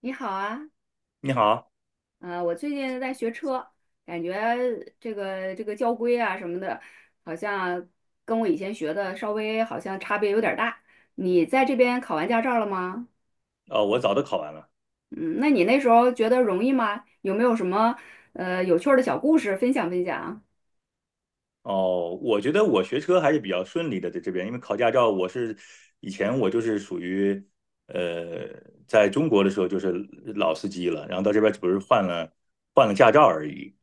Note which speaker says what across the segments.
Speaker 1: 你好啊，
Speaker 2: 你好。
Speaker 1: 我最近在学车，感觉这个交规啊什么的，好像跟我以前学的稍微好像差别有点儿大。你在这边考完驾照了吗？
Speaker 2: 我早都考完了。
Speaker 1: 嗯，那你那时候觉得容易吗？有没有什么有趣儿的小故事分享分享？
Speaker 2: 哦，我觉得我学车还是比较顺利的，在这边。因为考驾照，以前我就是属于，呃，在中国的时候就是老司机了，然后到这边只不过是换了驾照而已，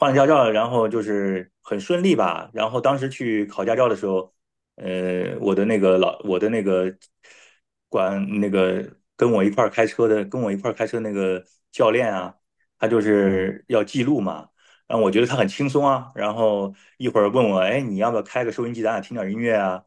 Speaker 2: 换了驾照，然后就是很顺利吧。然后当时去考驾照的时候，我的那个管那个跟我一块儿开车那个教练啊，他就是要记录嘛。让我觉得他很轻松啊。然后一会儿问我，哎，你要不要开个收音机，咱俩听点音乐啊？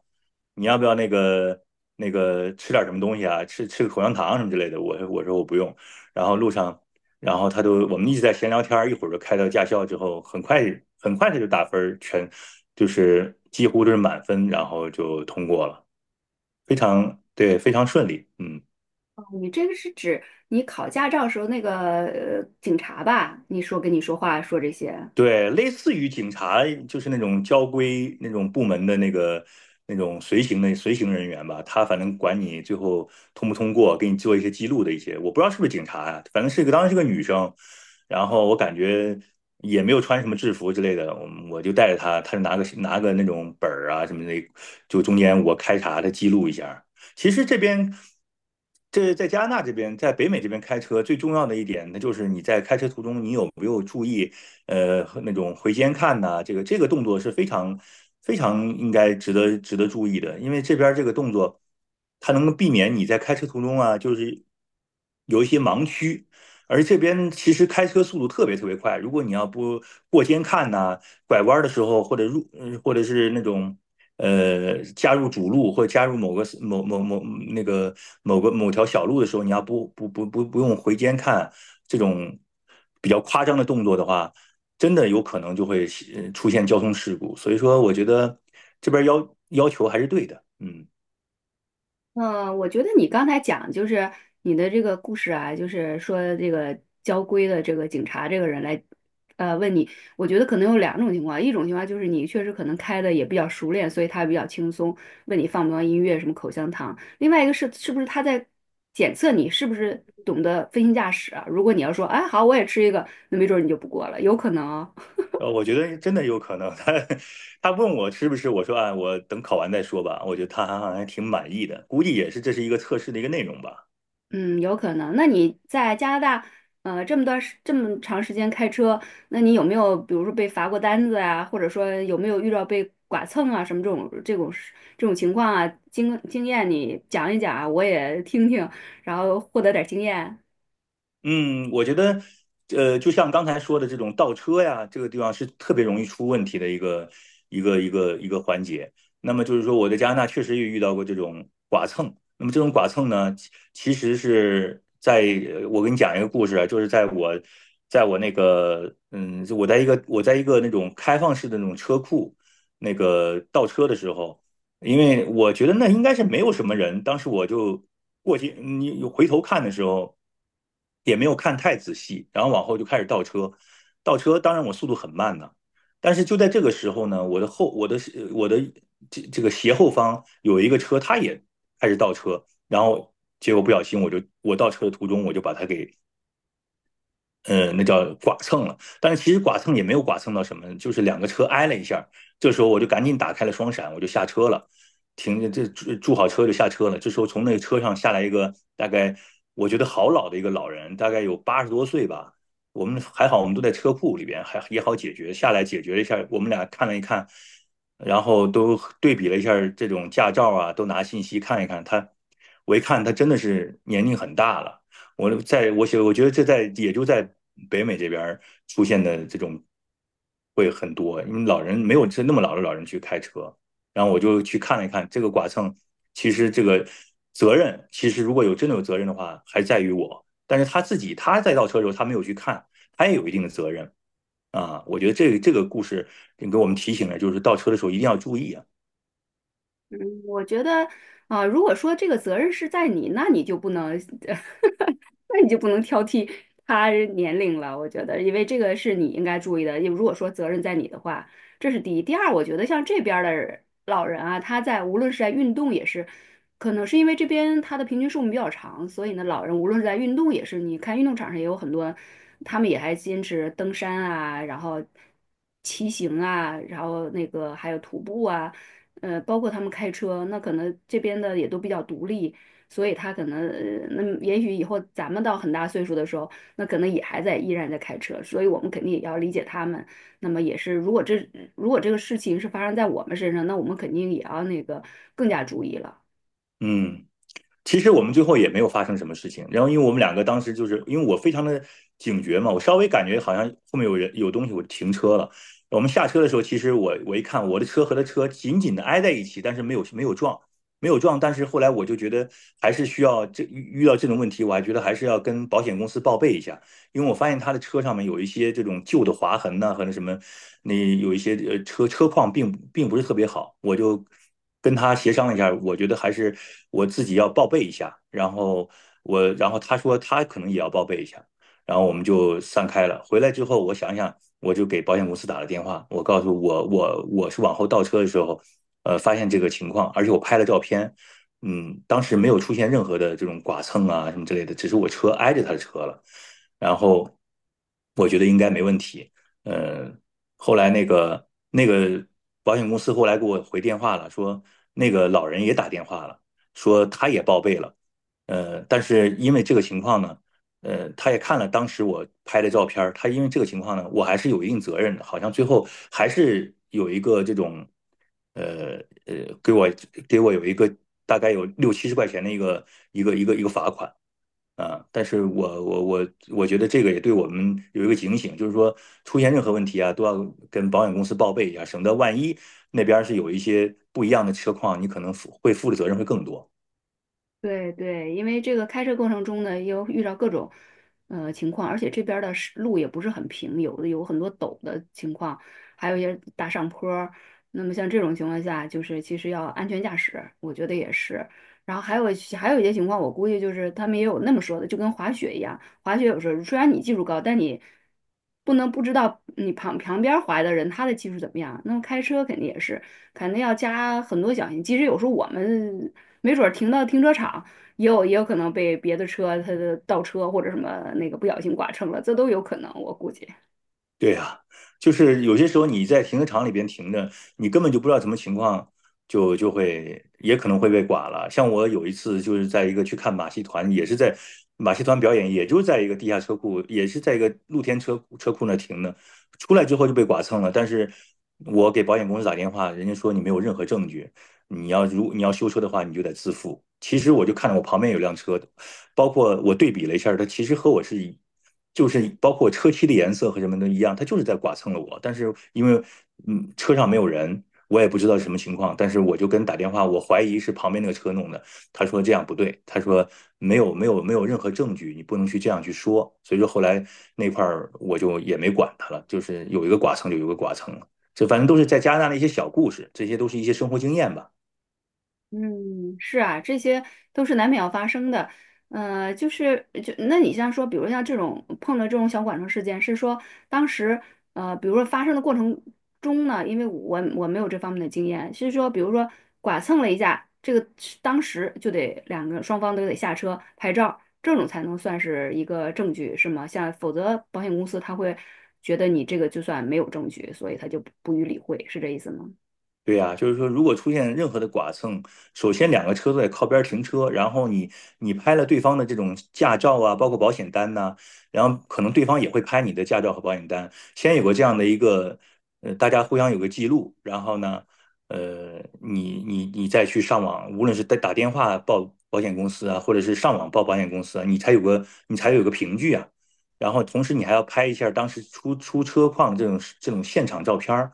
Speaker 2: 你要不要那个吃点什么东西啊？吃个口香糖什么之类的？我说我不用。然后路上，然后他都我们一直在闲聊天儿，一会儿就开到驾校之后，很快他就打分儿就是几乎都是满分，然后就通过了，非常对，非常顺利，嗯。
Speaker 1: 你这个是指你考驾照时候那个警察吧？你说跟你说话说这些。
Speaker 2: 对，类似于警察，就是那种交规那种部门的那个那种随行人员吧，他反正管你最后通不通过，给你做一些记录的一些，我不知道是不是警察呀、反正当时是个女生，然后我感觉也没有穿什么制服之类的，我就带着她，她就拿个那种本儿啊什么的，就中间我开查她记录一下。其实这边，这在加拿大这边，在北美这边开车最重要的一点，那就是你在开车途中，你有意，那种回肩看呐、啊这个动作是非常非常应该值得注意的，因为这边这个动作，它能够避免你在开车途中啊，就是有一些盲区。而这边其实开车速度特别特别快，如果你要不过肩看呐、拐弯的时候或者或者是那种加入主路或者加入某个某某某嗯那个某个某条小路的时候，你要不用回肩看，这种比较夸张的动作的话，真的有可能就会出现交通事故。所以说，我觉得这边要求还是对的，嗯。
Speaker 1: 嗯，我觉得你刚才讲就是你的这个故事啊，就是说这个交规的这个警察这个人来，问你，我觉得可能有两种情况，一种情况就是你确实可能开的也比较熟练，所以他比较轻松，问你放不放音乐，什么口香糖；另外一个是是不是他在检测你是不是懂得飞行驾驶啊？如果你要说，哎，好，我也吃一个，那没准儿你就不过了，有可能哦。
Speaker 2: 我觉得真的有可能。他问我是不是，我说啊，我等考完再说吧。我觉得他还挺满意的，估计这是一个测试的一个内容吧。
Speaker 1: 嗯，有可能。那你在加拿大，这么长时间开车，那你有没有，比如说被罚过单子啊，或者说有没有遇到被剐蹭啊，什么这种事这种情况啊？经验你讲一讲啊我也听听，然后获得点儿经验。
Speaker 2: 嗯，我觉得，就像刚才说的这种倒车呀，这个地方是特别容易出问题的一个环节。那么就是说，我在加拿大确实也遇到过这种剐蹭。那么这种剐蹭呢，其实是在呃我给你讲一个故事啊，就是在我那个我在一个那种开放式的那种车库那个倒车的时候，因为我觉得那应该是没有什么人。当时我就过去，你回头看的时候，也没有看太仔细，然后往后就开始倒车。倒车，当然我速度很慢的，但是就在这个时候呢，我的这个斜后方有一个车，它也开始倒车，然后结果不小心我倒车的途中我就把它给那叫剐蹭了。但是其实剐蹭也没有剐蹭到什么，就是两个车挨了一下。这时候我就赶紧打开了双闪，我就下车了，停住好车就下车了。这时候从那个车上下来一个大概我觉得好老的一个老人，大概有80多岁吧。我们还好，我们都在车库里边，还也好解决。下来解决了一下，我们俩看了一看，然后都对比了一下这种驾照啊，都拿信息看一看。我一看他真的是年龄很大了。我觉得也就在北美这边出现的这种会很多，因为老人没有那么老的老人去开车，然后我就去看了一看这个剐蹭，其实这个责任其实如果真的有责任的话，还在于我，但是他自己他在倒车的时候他没有去看，他也有一定的责任啊。我觉得这个故事给我们提醒了，就是倒车的时候一定要注意啊。
Speaker 1: 我觉得，啊、如果说这个责任是在你，那你就不能呃那你就不能挑剔他人年龄了，我觉得，因为这个是你应该注意的。因为如果说责任在你的话，这是第一。第二，我觉得像这边儿的老人啊，他在无论是在运动也是，可能是因为这边他的平均寿命比较长，所以呢，老人无论是在运动也是，你看运动场上也有很多，他们也还坚持登山啊，然后骑行啊，然后那个还有徒步啊，包括他们开车，那可能这边的也都比较独立。所以他可能，呃那么也许以后咱们到很大岁数的时候，那可能也还在依然在开车，所以我们肯定也要理解他们。那么也是，如果这个事情是发生在我们身上，那我们肯定也要那个更加注意了。
Speaker 2: 嗯，其实我们最后也没有发生什么事情。然后，因为我们两个当时就是因为我非常的警觉嘛，我稍微感觉好像后面有人有东西，我停车了。我们下车的时候，其实我一看，我的车和他车紧紧的挨在一起，但是没有撞，没有撞。但是后来我就觉得还是需要遇到这种问题，我还觉得还是要跟保险公司报备一下。因为我发现他的车上面有一些这种旧的划痕呐、和那什么，那有一些车况并不是特别好，我就跟他协商了一下，我觉得还是我自己要报备一下，然后他说他可能也要报备一下，然后我们就散开了。回来之后，我想想，我就给保险公司打了电话，我告诉我是往后倒车的时候，发现这个情况，而且我拍了照片，当时没有出现任何的这种剐蹭啊什么之类的，只是我车挨着他的车了。然后我觉得应该没问题。呃，后来那个保险公司后来给我回电话了，说那个老人也打电话了，说他也报备了。但是因为这个情况呢，他也看了当时我拍的照片儿，他因为这个情况呢，我还是有一定责任的，好像最后还是有一个这种，呃呃，给我给我有一个大概有六七十块钱的一个罚款。啊，但是我觉得这个也对我们有一个警醒，就是说出现任何问题啊，都要跟保险公司报备一下，省得万一那边儿是有一些不一样的车况，你可能会负的责任会更多。
Speaker 1: 对对，因为这个开车过程中呢，又遇到各种情况，而且这边儿的是路也不是很平，有的有很多陡的情况，还有一些大上坡儿。那么像这种情况下，就是其实要安全驾驶，我觉得也是。然后还有一些情况，我估计就是他们也有那么说的，就跟滑雪一样，滑雪有时候虽然你技术高，但你不能不知道你旁边儿滑的人他的技术怎么样。那么开车肯定也是。肯定要加很多小心。即使有时候我们没准儿停到停车场，也有可能被别的车它的倒车或者什么那个不小心剐蹭了，这都有可能，我估计。
Speaker 2: 对呀，就是有些时候你在停车场里边停着，你根本就不知道什么情况，就会也可能会被剐了。像我有一次就是在一个去看马戏团，也是在马戏团表演，也就在一个地下车库，也是在一个露天车库那停的，出来之后就被剐蹭了。但是我给保险公司打电话，人家说你没有任何证据，你要修车的话，你就得自负。其实我就看着我旁边有辆车，包括我对比了一下，它其实和我就是包括车漆的颜色和什么都一样，它就是在剐蹭了我。但是因为车上没有人，我也不知道什么情况，但是我就跟打电话，我怀疑是旁边那个车弄的。他说这样不对，他说没有任何证据，你不能去这样去说。所以说后来那块儿我就也没管他了，就是有一个剐蹭就有一个剐蹭了。这反正都是在加拿大的一些小故事，这些都是一些生活经验吧。
Speaker 1: 嗯，是啊，这些都是难免要发生的。就是你像说，比如像这种碰到这种小剐蹭事件，是说当时比如说发生的过程中呢，因为我没有这方面的经验，是说比如说剐蹭了一下，这个是当时就得两个双方都得下车拍照，这种才能算是一个证据，是吗？像否则保险公司他会觉得你这个就算没有证据，所以他就不予理会，是这意思吗？
Speaker 2: 对呀，就是说，如果出现任何的剐蹭，首先两个车都得靠边儿停车，然后你拍了对方的这种驾照啊，包括保险单呐、然后可能对方也会拍你的驾照和保险单，先有个这样的一个，大家互相有个记录，然后呢，你再去上网，无论是打电话报保险公司啊，或者是上网报保险公司啊，你才有个凭据啊，然后同时你还要拍一下当时出车况这种现场照片儿。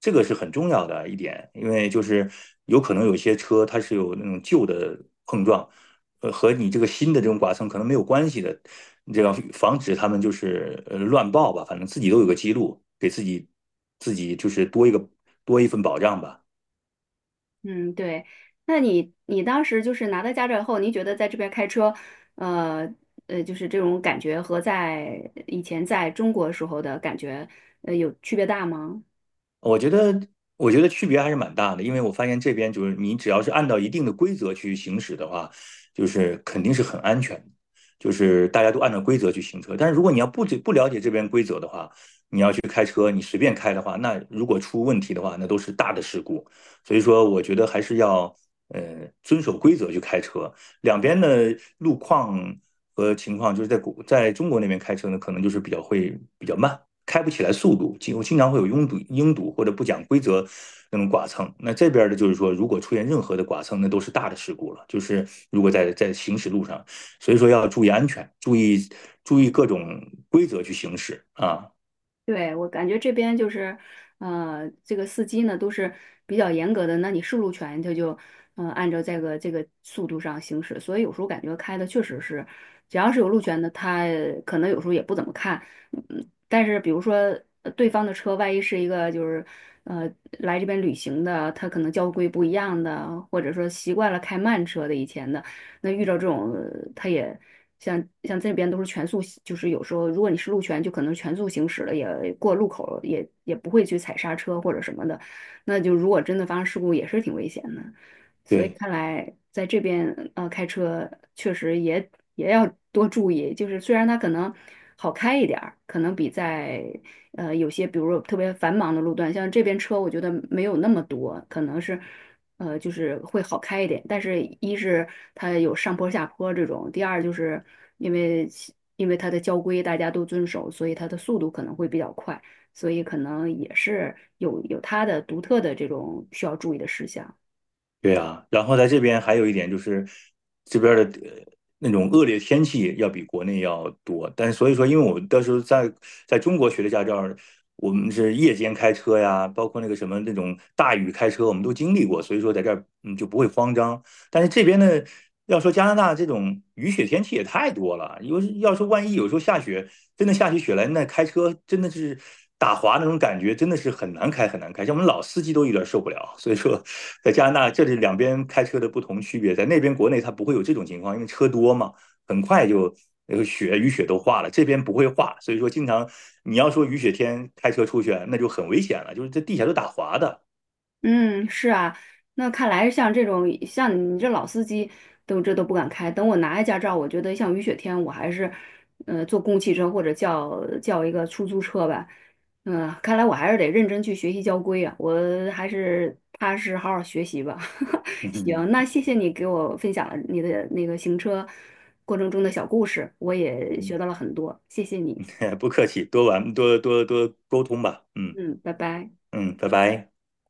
Speaker 2: 这个是很重要的一点，因为就是有可能有些车它是有那种旧的碰撞，和你这个新的这种剐蹭可能没有关系的，这样防止他们就是乱报吧，反正自己都有个记录，给自己就是多一个多一份保障吧。
Speaker 1: 嗯，对。那你当时就是拿到驾照以后，您觉得在这边开车，呃就是这种感觉和在以前在中国时候的感觉，有区别大吗？
Speaker 2: 我觉得我觉得区别还是蛮大的，因为我发现这边就是你只要是按照一定的规则去行驶的话，就是肯定是很安全的，就是大家都按照规则去行车。但是如果你要不了解这边规则的话，开车你随便开的话，那如果出问题的话，那都是大的事故。所以说，我觉得还是要呃遵守规则去开车。两边的路况和情况，就是在中国那边开车呢，可能比较慢，开不起来速度，经常会有拥堵、拥堵或者不讲规则那种剐蹭。那这边的就是说，如果出现任何的剐蹭，那都是大的事故了。就是如果在行驶路上，所以说要注意安全，注意各种规则去行驶啊。
Speaker 1: 对，我感觉这边就是，这个司机呢都是比较严格的，那你是路权他就，按照这个速度上行驶，所以有时候感觉开的确实是，只要是有路权的，他可能有时候也不怎么看，嗯，但是比如说对方的车，万一是一个就是，呃，来这边旅行的，他可能交规不一样的，或者说习惯了开慢车的以前的，那遇到这种他也。像这边都是全速就是有时候如果你是路权，就可能全速行驶了，也过路口了也不会去踩刹车或者什么的。那就如果真的发生事故，也是挺危险的。所以
Speaker 2: 对。
Speaker 1: 看来在这边开车确实也要多注意，就是虽然它可能好开一点儿，可能比在有些比如说特别繁忙的路段，像这边车我觉得没有那么多，可能是就是会好开一点。但是，一是它有上坡下坡这种，第二就是因为因为它的交规大家都遵守，所以它的速度可能会比较快，所以可能也是有它的独特的这种需要注意的事项。
Speaker 2: 对啊，然后在这边还有一点就是，这边儿的那种恶劣天气要比国内要多，但是所以说，因为我到时候在中国学的驾照儿，我们是夜间开车呀，包括那个什么那种大雨开车，我们都经历过，所以说在这儿嗯就不会慌张。但是这边呢，要说加拿大这种雨雪天气也太多了，因为要说万一有时候下雪，真的下起雪来，那开车真的是打滑那种感觉，真的是很难开，像我们老司机都有点受不了。所以说，在加拿大这里两边开车的不同区别，在那边国内它不会有这种情况，因为车多嘛，很快就那个雨雪都化了，这边不会化，所以说经常你要说雨雪天开车出去，那就很危险了，就是这地下都打滑的。
Speaker 1: 嗯，是啊，那看来像这种像你这老司机都不敢开。等我拿下驾照，我觉得像雨雪天，我还是，坐公共汽车或者叫一个出租车吧。嗯、看来我还是得认真去学习交规啊，我还是踏实好好学习吧。行，
Speaker 2: 嗯
Speaker 1: 那谢谢你给我分享了你的那个行车过程中的小故事，我也学
Speaker 2: 嗯
Speaker 1: 到了很多，谢谢你。
Speaker 2: 不客气，多玩多沟通吧。嗯
Speaker 1: 嗯，拜拜。
Speaker 2: 嗯，拜拜。